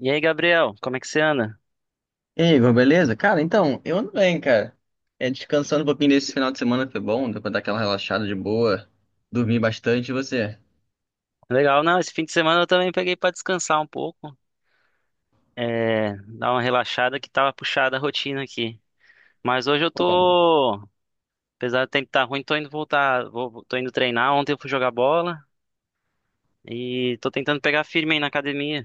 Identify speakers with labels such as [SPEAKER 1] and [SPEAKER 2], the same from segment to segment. [SPEAKER 1] E aí, Gabriel, como é que você anda?
[SPEAKER 2] E aí, Igor, beleza? Cara, então, eu ando bem, cara. É, descansando um pouquinho desse final de semana foi bom, deu pra dar aquela relaxada de boa, dormir bastante, e você?
[SPEAKER 1] Legal, não, esse fim de semana eu também peguei pra descansar um pouco, dar uma relaxada que tava puxada a rotina aqui. Mas hoje eu
[SPEAKER 2] Pô, cara.
[SPEAKER 1] tô, apesar do tempo estar ruim, tô indo voltar, vou, tô indo treinar. Ontem eu fui jogar bola e tô tentando pegar firme aí na academia.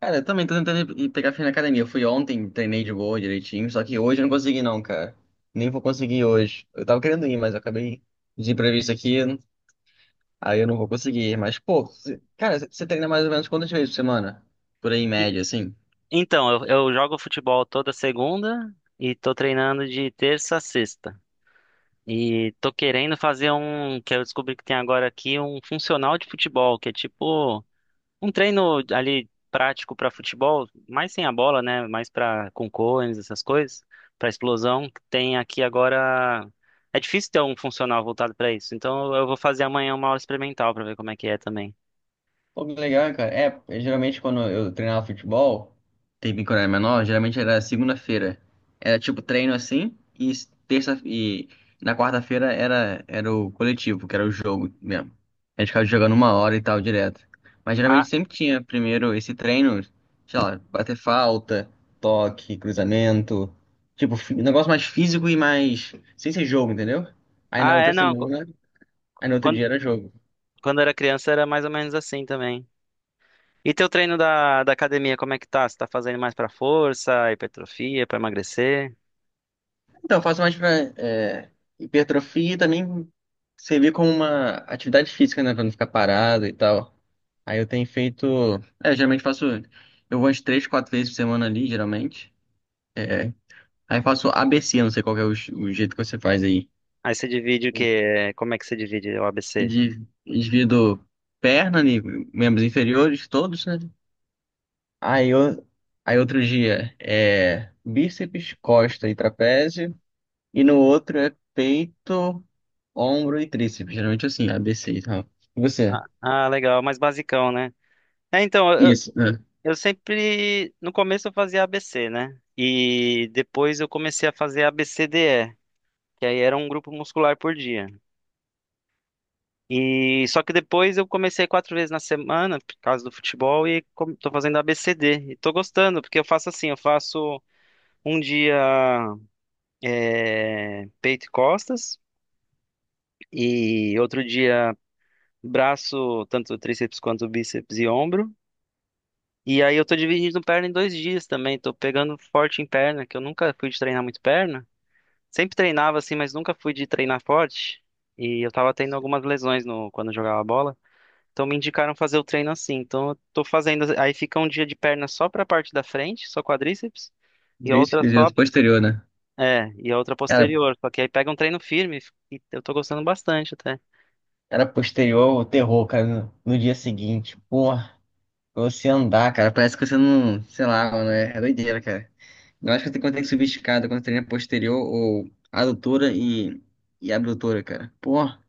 [SPEAKER 2] Cara, eu também tô tentando ir pegar firme na academia. Eu fui ontem, treinei de boa, direitinho, só que hoje eu não consegui não, cara. Nem vou conseguir hoje. Eu tava querendo ir, mas eu acabei de imprevisto aqui, aí eu não vou conseguir. Mas, pô, cara, você treina mais ou menos quantas vezes por semana? Por aí, em
[SPEAKER 1] E-
[SPEAKER 2] média, assim?
[SPEAKER 1] Então, eu jogo futebol toda segunda e tô treinando de terça a sexta. E tô querendo fazer um, que eu descobri que tem agora aqui, um funcional de futebol, que é tipo um treino ali prático para futebol, mais sem a bola, né? Mais para com cones, essas coisas, para explosão. Tem aqui agora. É difícil ter um funcional voltado para isso. Então eu vou fazer amanhã uma aula experimental para ver como é que é também.
[SPEAKER 2] Pô, que legal, cara. Geralmente quando eu treinava futebol, teve quando eu era menor, geralmente era segunda-feira. Era tipo treino assim, e terça e na quarta-feira era o coletivo, que era o jogo mesmo. A gente ficava jogando uma hora e tal direto. Mas
[SPEAKER 1] Ah,
[SPEAKER 2] geralmente sempre tinha primeiro esse treino, sei lá, bater falta, toque, cruzamento. Tipo, um negócio mais físico e mais. Sem ser jogo, entendeu? Aí na
[SPEAKER 1] ah, é
[SPEAKER 2] outra
[SPEAKER 1] não. qu-
[SPEAKER 2] semana, aí no outro
[SPEAKER 1] Quando,
[SPEAKER 2] dia era jogo.
[SPEAKER 1] quando eu era criança era mais ou menos assim também. E teu treino da, da academia, como é que tá? Você tá fazendo mais para força, hipertrofia, para emagrecer?
[SPEAKER 2] Então, eu faço mais pra é, hipertrofia e também servir como uma atividade física, né? Pra não ficar parado e tal. Aí eu tenho feito. É, eu geralmente faço. Eu vou umas três, quatro vezes por semana ali, geralmente. É, aí faço ABC, não sei qual que é o, o jeito que você faz aí.
[SPEAKER 1] Aí você divide o quê? Como é que você divide o ABC?
[SPEAKER 2] Divido perna ali, membros inferiores, todos, né? Aí, eu, aí outro dia é bíceps, costa e trapézio. E no outro é peito, ombro e tríceps. Geralmente assim, A ABC e tal. E você?
[SPEAKER 1] Ah, ah, legal, mais basicão, né? É, então,
[SPEAKER 2] Isso, né?
[SPEAKER 1] Eu sempre, no começo eu fazia ABC, né? E depois eu comecei a fazer ABCDE, que aí era um grupo muscular por dia. E só que depois eu comecei quatro vezes na semana, por causa do futebol, e tô fazendo ABCD. E tô gostando, porque eu faço assim, eu faço um dia peito e costas, e outro dia braço, tanto tríceps quanto bíceps e ombro. E aí eu tô dividindo perna em dois dias também, tô pegando forte em perna, que eu nunca fui de treinar muito perna. Sempre treinava assim, mas nunca fui de treinar forte. E eu tava tendo algumas lesões no, quando eu jogava bola. Então me indicaram fazer o treino assim. Então eu tô fazendo. Aí fica um dia de perna só pra parte da frente, só quadríceps, e a outra
[SPEAKER 2] Tríceps e
[SPEAKER 1] só.
[SPEAKER 2] outro posterior, né?
[SPEAKER 1] É, e a outra
[SPEAKER 2] Cara,
[SPEAKER 1] posterior. Só que aí pega um treino firme e eu tô gostando bastante até.
[SPEAKER 2] cara, posterior, o terror, cara, no, no dia seguinte. Porra, pra você andar, cara, parece que você não, sei lá, mano, é doideira, cara. Eu acho que quando tem que subir escada, quando treina posterior ou adutora e abdutora, cara. Porra,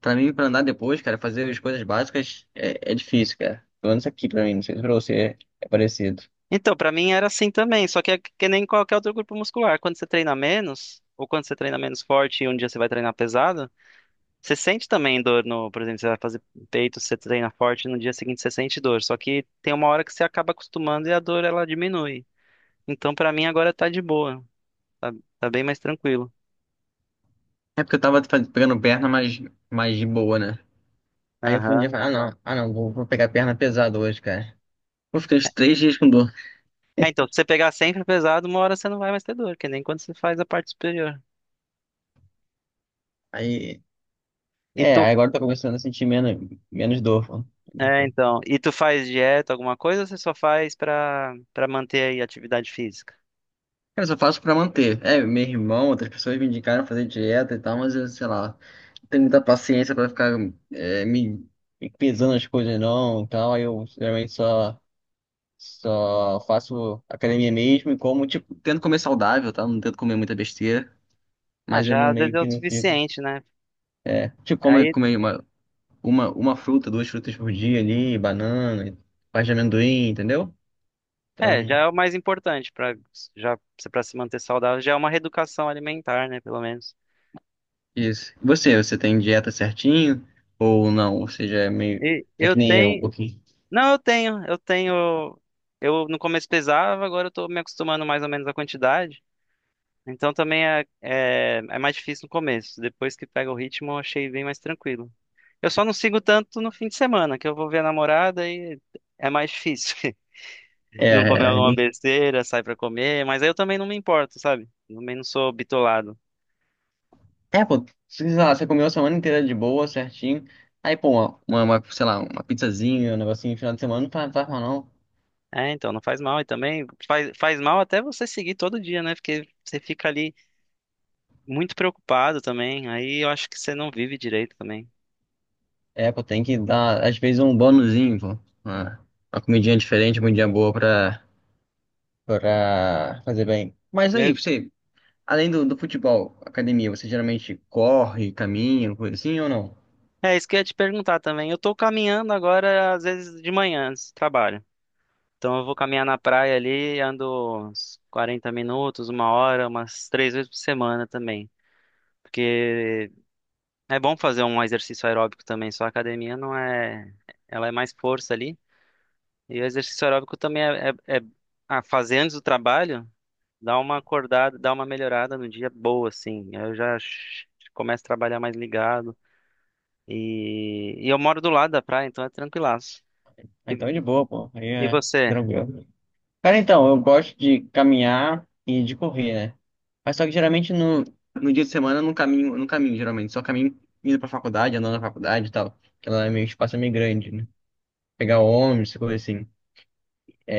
[SPEAKER 2] pra mim, pra andar depois, cara, fazer as coisas básicas é difícil, cara. Pelo menos aqui pra mim, não sei se pra você é parecido.
[SPEAKER 1] Então, pra mim era assim também, só que é que nem qualquer outro grupo muscular. Quando você treina menos, ou quando você treina menos forte e um dia você vai treinar pesado. Você sente também dor no, por exemplo, você vai fazer peito, você treina forte, no dia seguinte você sente dor, só que tem uma hora que você acaba acostumando e a dor ela diminui. Então pra mim agora tá de boa, tá, tá bem mais tranquilo.
[SPEAKER 2] É porque eu tava pegando perna mais, mais de boa, né? Aí eu fui um dia e
[SPEAKER 1] Aham.
[SPEAKER 2] falei, ah não, vou, vou pegar perna pesada hoje, cara. Eu fiquei uns três dias com dor.
[SPEAKER 1] É, então, se você pegar sempre pesado, uma hora você não vai mais ter dor, que nem quando você faz a parte superior.
[SPEAKER 2] Aí,
[SPEAKER 1] E
[SPEAKER 2] é,
[SPEAKER 1] tu,
[SPEAKER 2] aí agora eu tô começando a sentir menos, menos dor, pô.
[SPEAKER 1] e tu faz dieta, alguma coisa, ou você só faz pra para manter aí a atividade física?
[SPEAKER 2] Cara, eu só faço pra manter. É, meu irmão, outras pessoas me indicaram fazer dieta e tal, mas eu, sei lá, não tenho muita paciência pra ficar é, me, me pesando as coisas não e tal. Aí eu geralmente só faço academia mesmo e como, tipo, tento comer saudável, tá? Não tento comer muita besteira,
[SPEAKER 1] Ah,
[SPEAKER 2] mas eu
[SPEAKER 1] já
[SPEAKER 2] não
[SPEAKER 1] às vezes
[SPEAKER 2] meio
[SPEAKER 1] é o
[SPEAKER 2] que não fico.
[SPEAKER 1] suficiente, né?
[SPEAKER 2] Tipo,
[SPEAKER 1] Aí
[SPEAKER 2] comer uma, uma fruta, duas frutas por dia ali, banana, parte de amendoim, entendeu?
[SPEAKER 1] é, já
[SPEAKER 2] Então,
[SPEAKER 1] é o mais importante para já para se manter saudável, já é uma reeducação alimentar, né, pelo menos.
[SPEAKER 2] isso. E você, você tem dieta certinho ou não? Ou seja, é meio.
[SPEAKER 1] E
[SPEAKER 2] É
[SPEAKER 1] eu
[SPEAKER 2] que nem eu, um
[SPEAKER 1] tenho,
[SPEAKER 2] pouquinho.
[SPEAKER 1] eu tenho, eu no começo pesava, agora eu tô me acostumando mais ou menos à quantidade. Então também é mais difícil no começo. Depois que pega o ritmo, eu achei bem mais tranquilo. Eu só não sigo tanto no fim de semana, que eu vou ver a namorada e é mais difícil. Não comer
[SPEAKER 2] É,
[SPEAKER 1] alguma
[SPEAKER 2] e-
[SPEAKER 1] besteira, sai pra comer, mas aí eu também não me importo, sabe? Também não sou bitolado.
[SPEAKER 2] é, pô, sei lá, você comeu a semana inteira de boa, certinho. Aí, pô, uma, sei lá, uma pizzazinha, um negocinho no final de semana, não faz faz mal não.
[SPEAKER 1] É, então, não faz mal. E também faz, faz mal até você seguir todo dia, né? Porque você fica ali muito preocupado também. Aí eu acho que você não vive direito também.
[SPEAKER 2] É, pô, tem que dar, às vezes, um bônusinho pô. Uma, uma comidinha diferente, uma comidinha boa pra fazer bem. Mas aí,
[SPEAKER 1] Eu-
[SPEAKER 2] você. Além do futebol, academia, você geralmente corre, caminha, coisa assim ou não?
[SPEAKER 1] É isso que eu ia te perguntar também. Eu tô caminhando agora, às vezes de manhã, antes do trabalho. Então eu vou caminhar na praia ali, ando uns 40 minutos, uma hora, umas três vezes por semana também. Porque é bom fazer um exercício aeróbico também, só a academia não é. Ela é mais força ali. E o exercício aeróbico também a fazer antes do trabalho. Dá uma acordada, dá uma melhorada no dia boa, assim. Começo a trabalhar mais ligado. E eu moro do lado da praia, então é tranquilaço.
[SPEAKER 2] Ah, então, é de
[SPEAKER 1] E,
[SPEAKER 2] boa, pô. Aí
[SPEAKER 1] e
[SPEAKER 2] é
[SPEAKER 1] você?
[SPEAKER 2] tranquilo. Cara, então, eu gosto de caminhar e de correr, né? Mas só que geralmente no dia de semana eu não caminho, não caminho, geralmente. Só caminho indo pra faculdade, andando na faculdade e tal. Porque lá é meio, o espaço é meio grande, né? Pegar ônibus, coisa assim.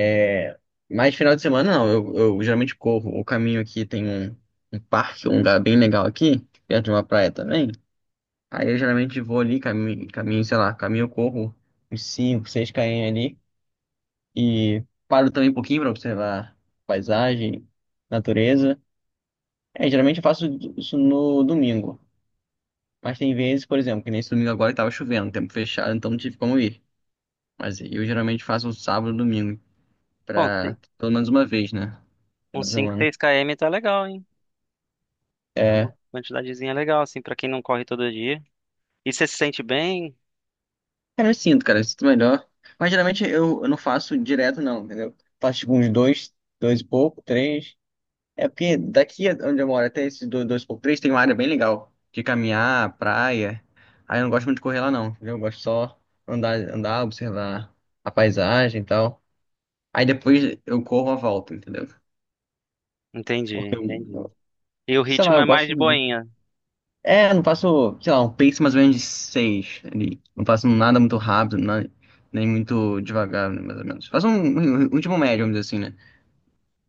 [SPEAKER 2] É, mas final de semana não, eu geralmente corro. O caminho aqui tem um, um parque, um lugar bem legal aqui, perto de uma praia também. Aí eu geralmente vou ali, caminho, caminho, sei lá, caminho, corro uns cinco seis km ali e paro também um pouquinho para observar paisagem, natureza. É, geralmente eu faço isso no domingo. Mas tem vezes, por exemplo, que nesse domingo agora estava chovendo, tempo fechado, então não tive como ir. Mas eu geralmente faço um sábado, domingo,
[SPEAKER 1] Bom, ci-
[SPEAKER 2] pra pelo menos uma vez, né? Toda
[SPEAKER 1] uns 5,
[SPEAKER 2] semana.
[SPEAKER 1] 6 km tá legal, hein? É uma
[SPEAKER 2] É,
[SPEAKER 1] quantidadezinha legal, assim, pra quem não corre todo dia. E você se sente bem?
[SPEAKER 2] cara, eu sinto melhor. Mas geralmente eu não faço direto, não, entendeu? Faço tipo uns dois, dois e pouco, três. É porque onde eu moro até esse 2x3 tem uma área bem legal de caminhar, praia. Aí eu não gosto muito de correr lá não, entendeu? Eu gosto só andar, andar, observar a paisagem e tal. Aí depois eu corro a volta, entendeu?
[SPEAKER 1] Entendi,
[SPEAKER 2] Porque
[SPEAKER 1] entendi.
[SPEAKER 2] eu,
[SPEAKER 1] E o
[SPEAKER 2] sei lá,
[SPEAKER 1] ritmo é
[SPEAKER 2] eu
[SPEAKER 1] mais
[SPEAKER 2] gosto
[SPEAKER 1] de
[SPEAKER 2] de...
[SPEAKER 1] boinha.
[SPEAKER 2] É, eu não faço, sei lá, um pace mais ou menos de 6 ali. Não faço nada muito rápido, nem muito devagar, né, mais ou menos. Faço um último médio, vamos dizer assim, né?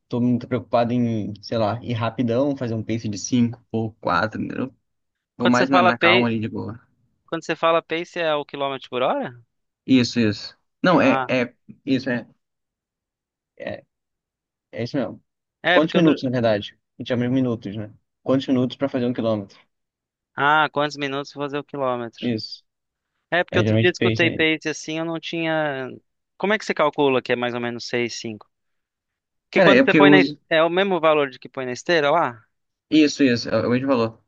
[SPEAKER 2] Tô muito preocupado em, sei lá, ir rapidão, fazer um pace de 5 ou 4. Vou
[SPEAKER 1] Quando você
[SPEAKER 2] mais
[SPEAKER 1] fala
[SPEAKER 2] na calma
[SPEAKER 1] pace,
[SPEAKER 2] ali de boa.
[SPEAKER 1] quando você fala pace é o quilômetro por hora?
[SPEAKER 2] Isso, isso. Não,
[SPEAKER 1] Ah,
[SPEAKER 2] isso, é, é isso mesmo.
[SPEAKER 1] é
[SPEAKER 2] Quantos
[SPEAKER 1] porque
[SPEAKER 2] minutos,
[SPEAKER 1] outro...
[SPEAKER 2] na verdade? A gente chama de minutos, né? Quantos minutos pra fazer um quilômetro?
[SPEAKER 1] Ah, quantos minutos fazer o quilômetro?
[SPEAKER 2] Isso.
[SPEAKER 1] É, porque
[SPEAKER 2] É
[SPEAKER 1] outro dia eu
[SPEAKER 2] geralmente pace
[SPEAKER 1] escutei
[SPEAKER 2] aí.
[SPEAKER 1] pace assim, eu não tinha. Como é que você calcula que é mais ou menos seis cinco? Porque
[SPEAKER 2] Cara,
[SPEAKER 1] quando
[SPEAKER 2] é
[SPEAKER 1] você
[SPEAKER 2] porque eu
[SPEAKER 1] põe na.
[SPEAKER 2] uso.
[SPEAKER 1] É o mesmo valor de que põe na esteira lá?
[SPEAKER 2] Isso, é o mesmo valor.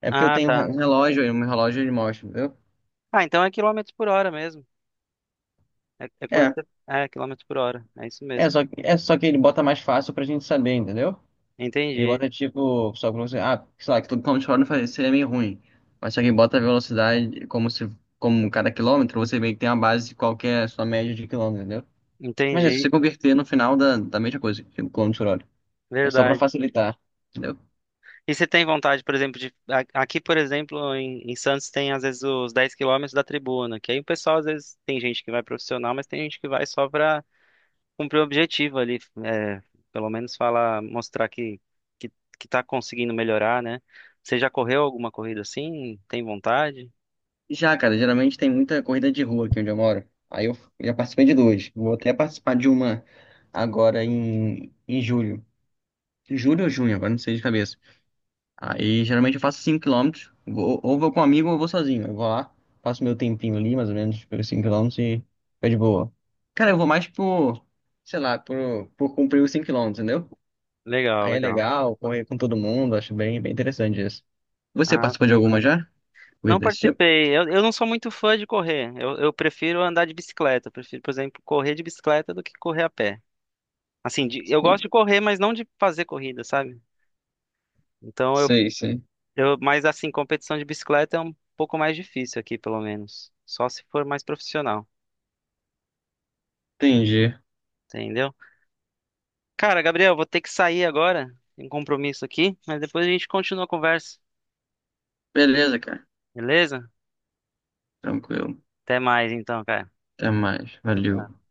[SPEAKER 2] É porque eu
[SPEAKER 1] Ah,
[SPEAKER 2] tenho um
[SPEAKER 1] tá.
[SPEAKER 2] um relógio e o meu relógio ele mostra, entendeu?
[SPEAKER 1] Ah, então é quilômetros por hora mesmo.
[SPEAKER 2] É,
[SPEAKER 1] É, quilômetros por hora. É isso mesmo.
[SPEAKER 2] é só que ele bota mais fácil pra gente saber, entendeu? E
[SPEAKER 1] Entendi.
[SPEAKER 2] bota tipo, só como se, ah, sei lá, que todo controle não faz- seria meio ruim. Mas se alguém bota a velocidade como se, como cada quilômetro, você meio que tem a base de qual que é a sua média de quilômetro, entendeu? Mas é, se
[SPEAKER 1] Entendi.
[SPEAKER 2] você converter no final da mesma coisa, tipo, quilômetro por hora. É só pra
[SPEAKER 1] Verdade.
[SPEAKER 2] facilitar, entendeu?
[SPEAKER 1] E você tem vontade, por exemplo, aqui, por exemplo, em, em Santos tem às vezes os 10 quilômetros da tribuna, que aí o pessoal às vezes tem gente que vai profissional, mas tem gente que vai só pra cumprir o objetivo ali, é, pelo menos falar, mostrar que, que tá conseguindo melhorar, né? Você já correu alguma corrida assim? Tem vontade?
[SPEAKER 2] Já, cara, geralmente tem muita corrida de rua aqui onde eu moro. Aí eu já participei de duas. Vou até participar de uma agora em, em julho. Julho ou junho, agora não sei de cabeça. Aí geralmente eu faço 5 quilômetros ou vou com um amigo ou vou sozinho. Eu vou lá, faço meu tempinho ali, mais ou menos, pelos 5 quilômetros e fica de boa. Cara, eu vou mais por, sei lá, por cumprir os 5 quilômetros entendeu?
[SPEAKER 1] Legal,
[SPEAKER 2] Aí é
[SPEAKER 1] legal.
[SPEAKER 2] legal, correr com todo mundo, acho bem, bem interessante isso. Você
[SPEAKER 1] Ah,
[SPEAKER 2] participou de alguma já?
[SPEAKER 1] não
[SPEAKER 2] Corrida desse tipo?
[SPEAKER 1] participei. Eu não sou muito fã de correr. Eu prefiro andar de bicicleta. Eu prefiro, por exemplo, correr de bicicleta do que correr a pé. Eu gosto
[SPEAKER 2] Sei,
[SPEAKER 1] de correr, mas não de fazer corrida, sabe? Então eu,
[SPEAKER 2] sei, sei.
[SPEAKER 1] mas assim, competição de bicicleta é um pouco mais difícil aqui, pelo menos. Só se for mais profissional,
[SPEAKER 2] Entendi.
[SPEAKER 1] entendeu? Cara, Gabriel, vou ter que sair agora. Tem um compromisso aqui, mas depois a gente continua a conversa,
[SPEAKER 2] Beleza, cara.
[SPEAKER 1] beleza?
[SPEAKER 2] Tranquilo.
[SPEAKER 1] Até mais então, cara.
[SPEAKER 2] Até mais.
[SPEAKER 1] Tchau,
[SPEAKER 2] Valeu.
[SPEAKER 1] tchau.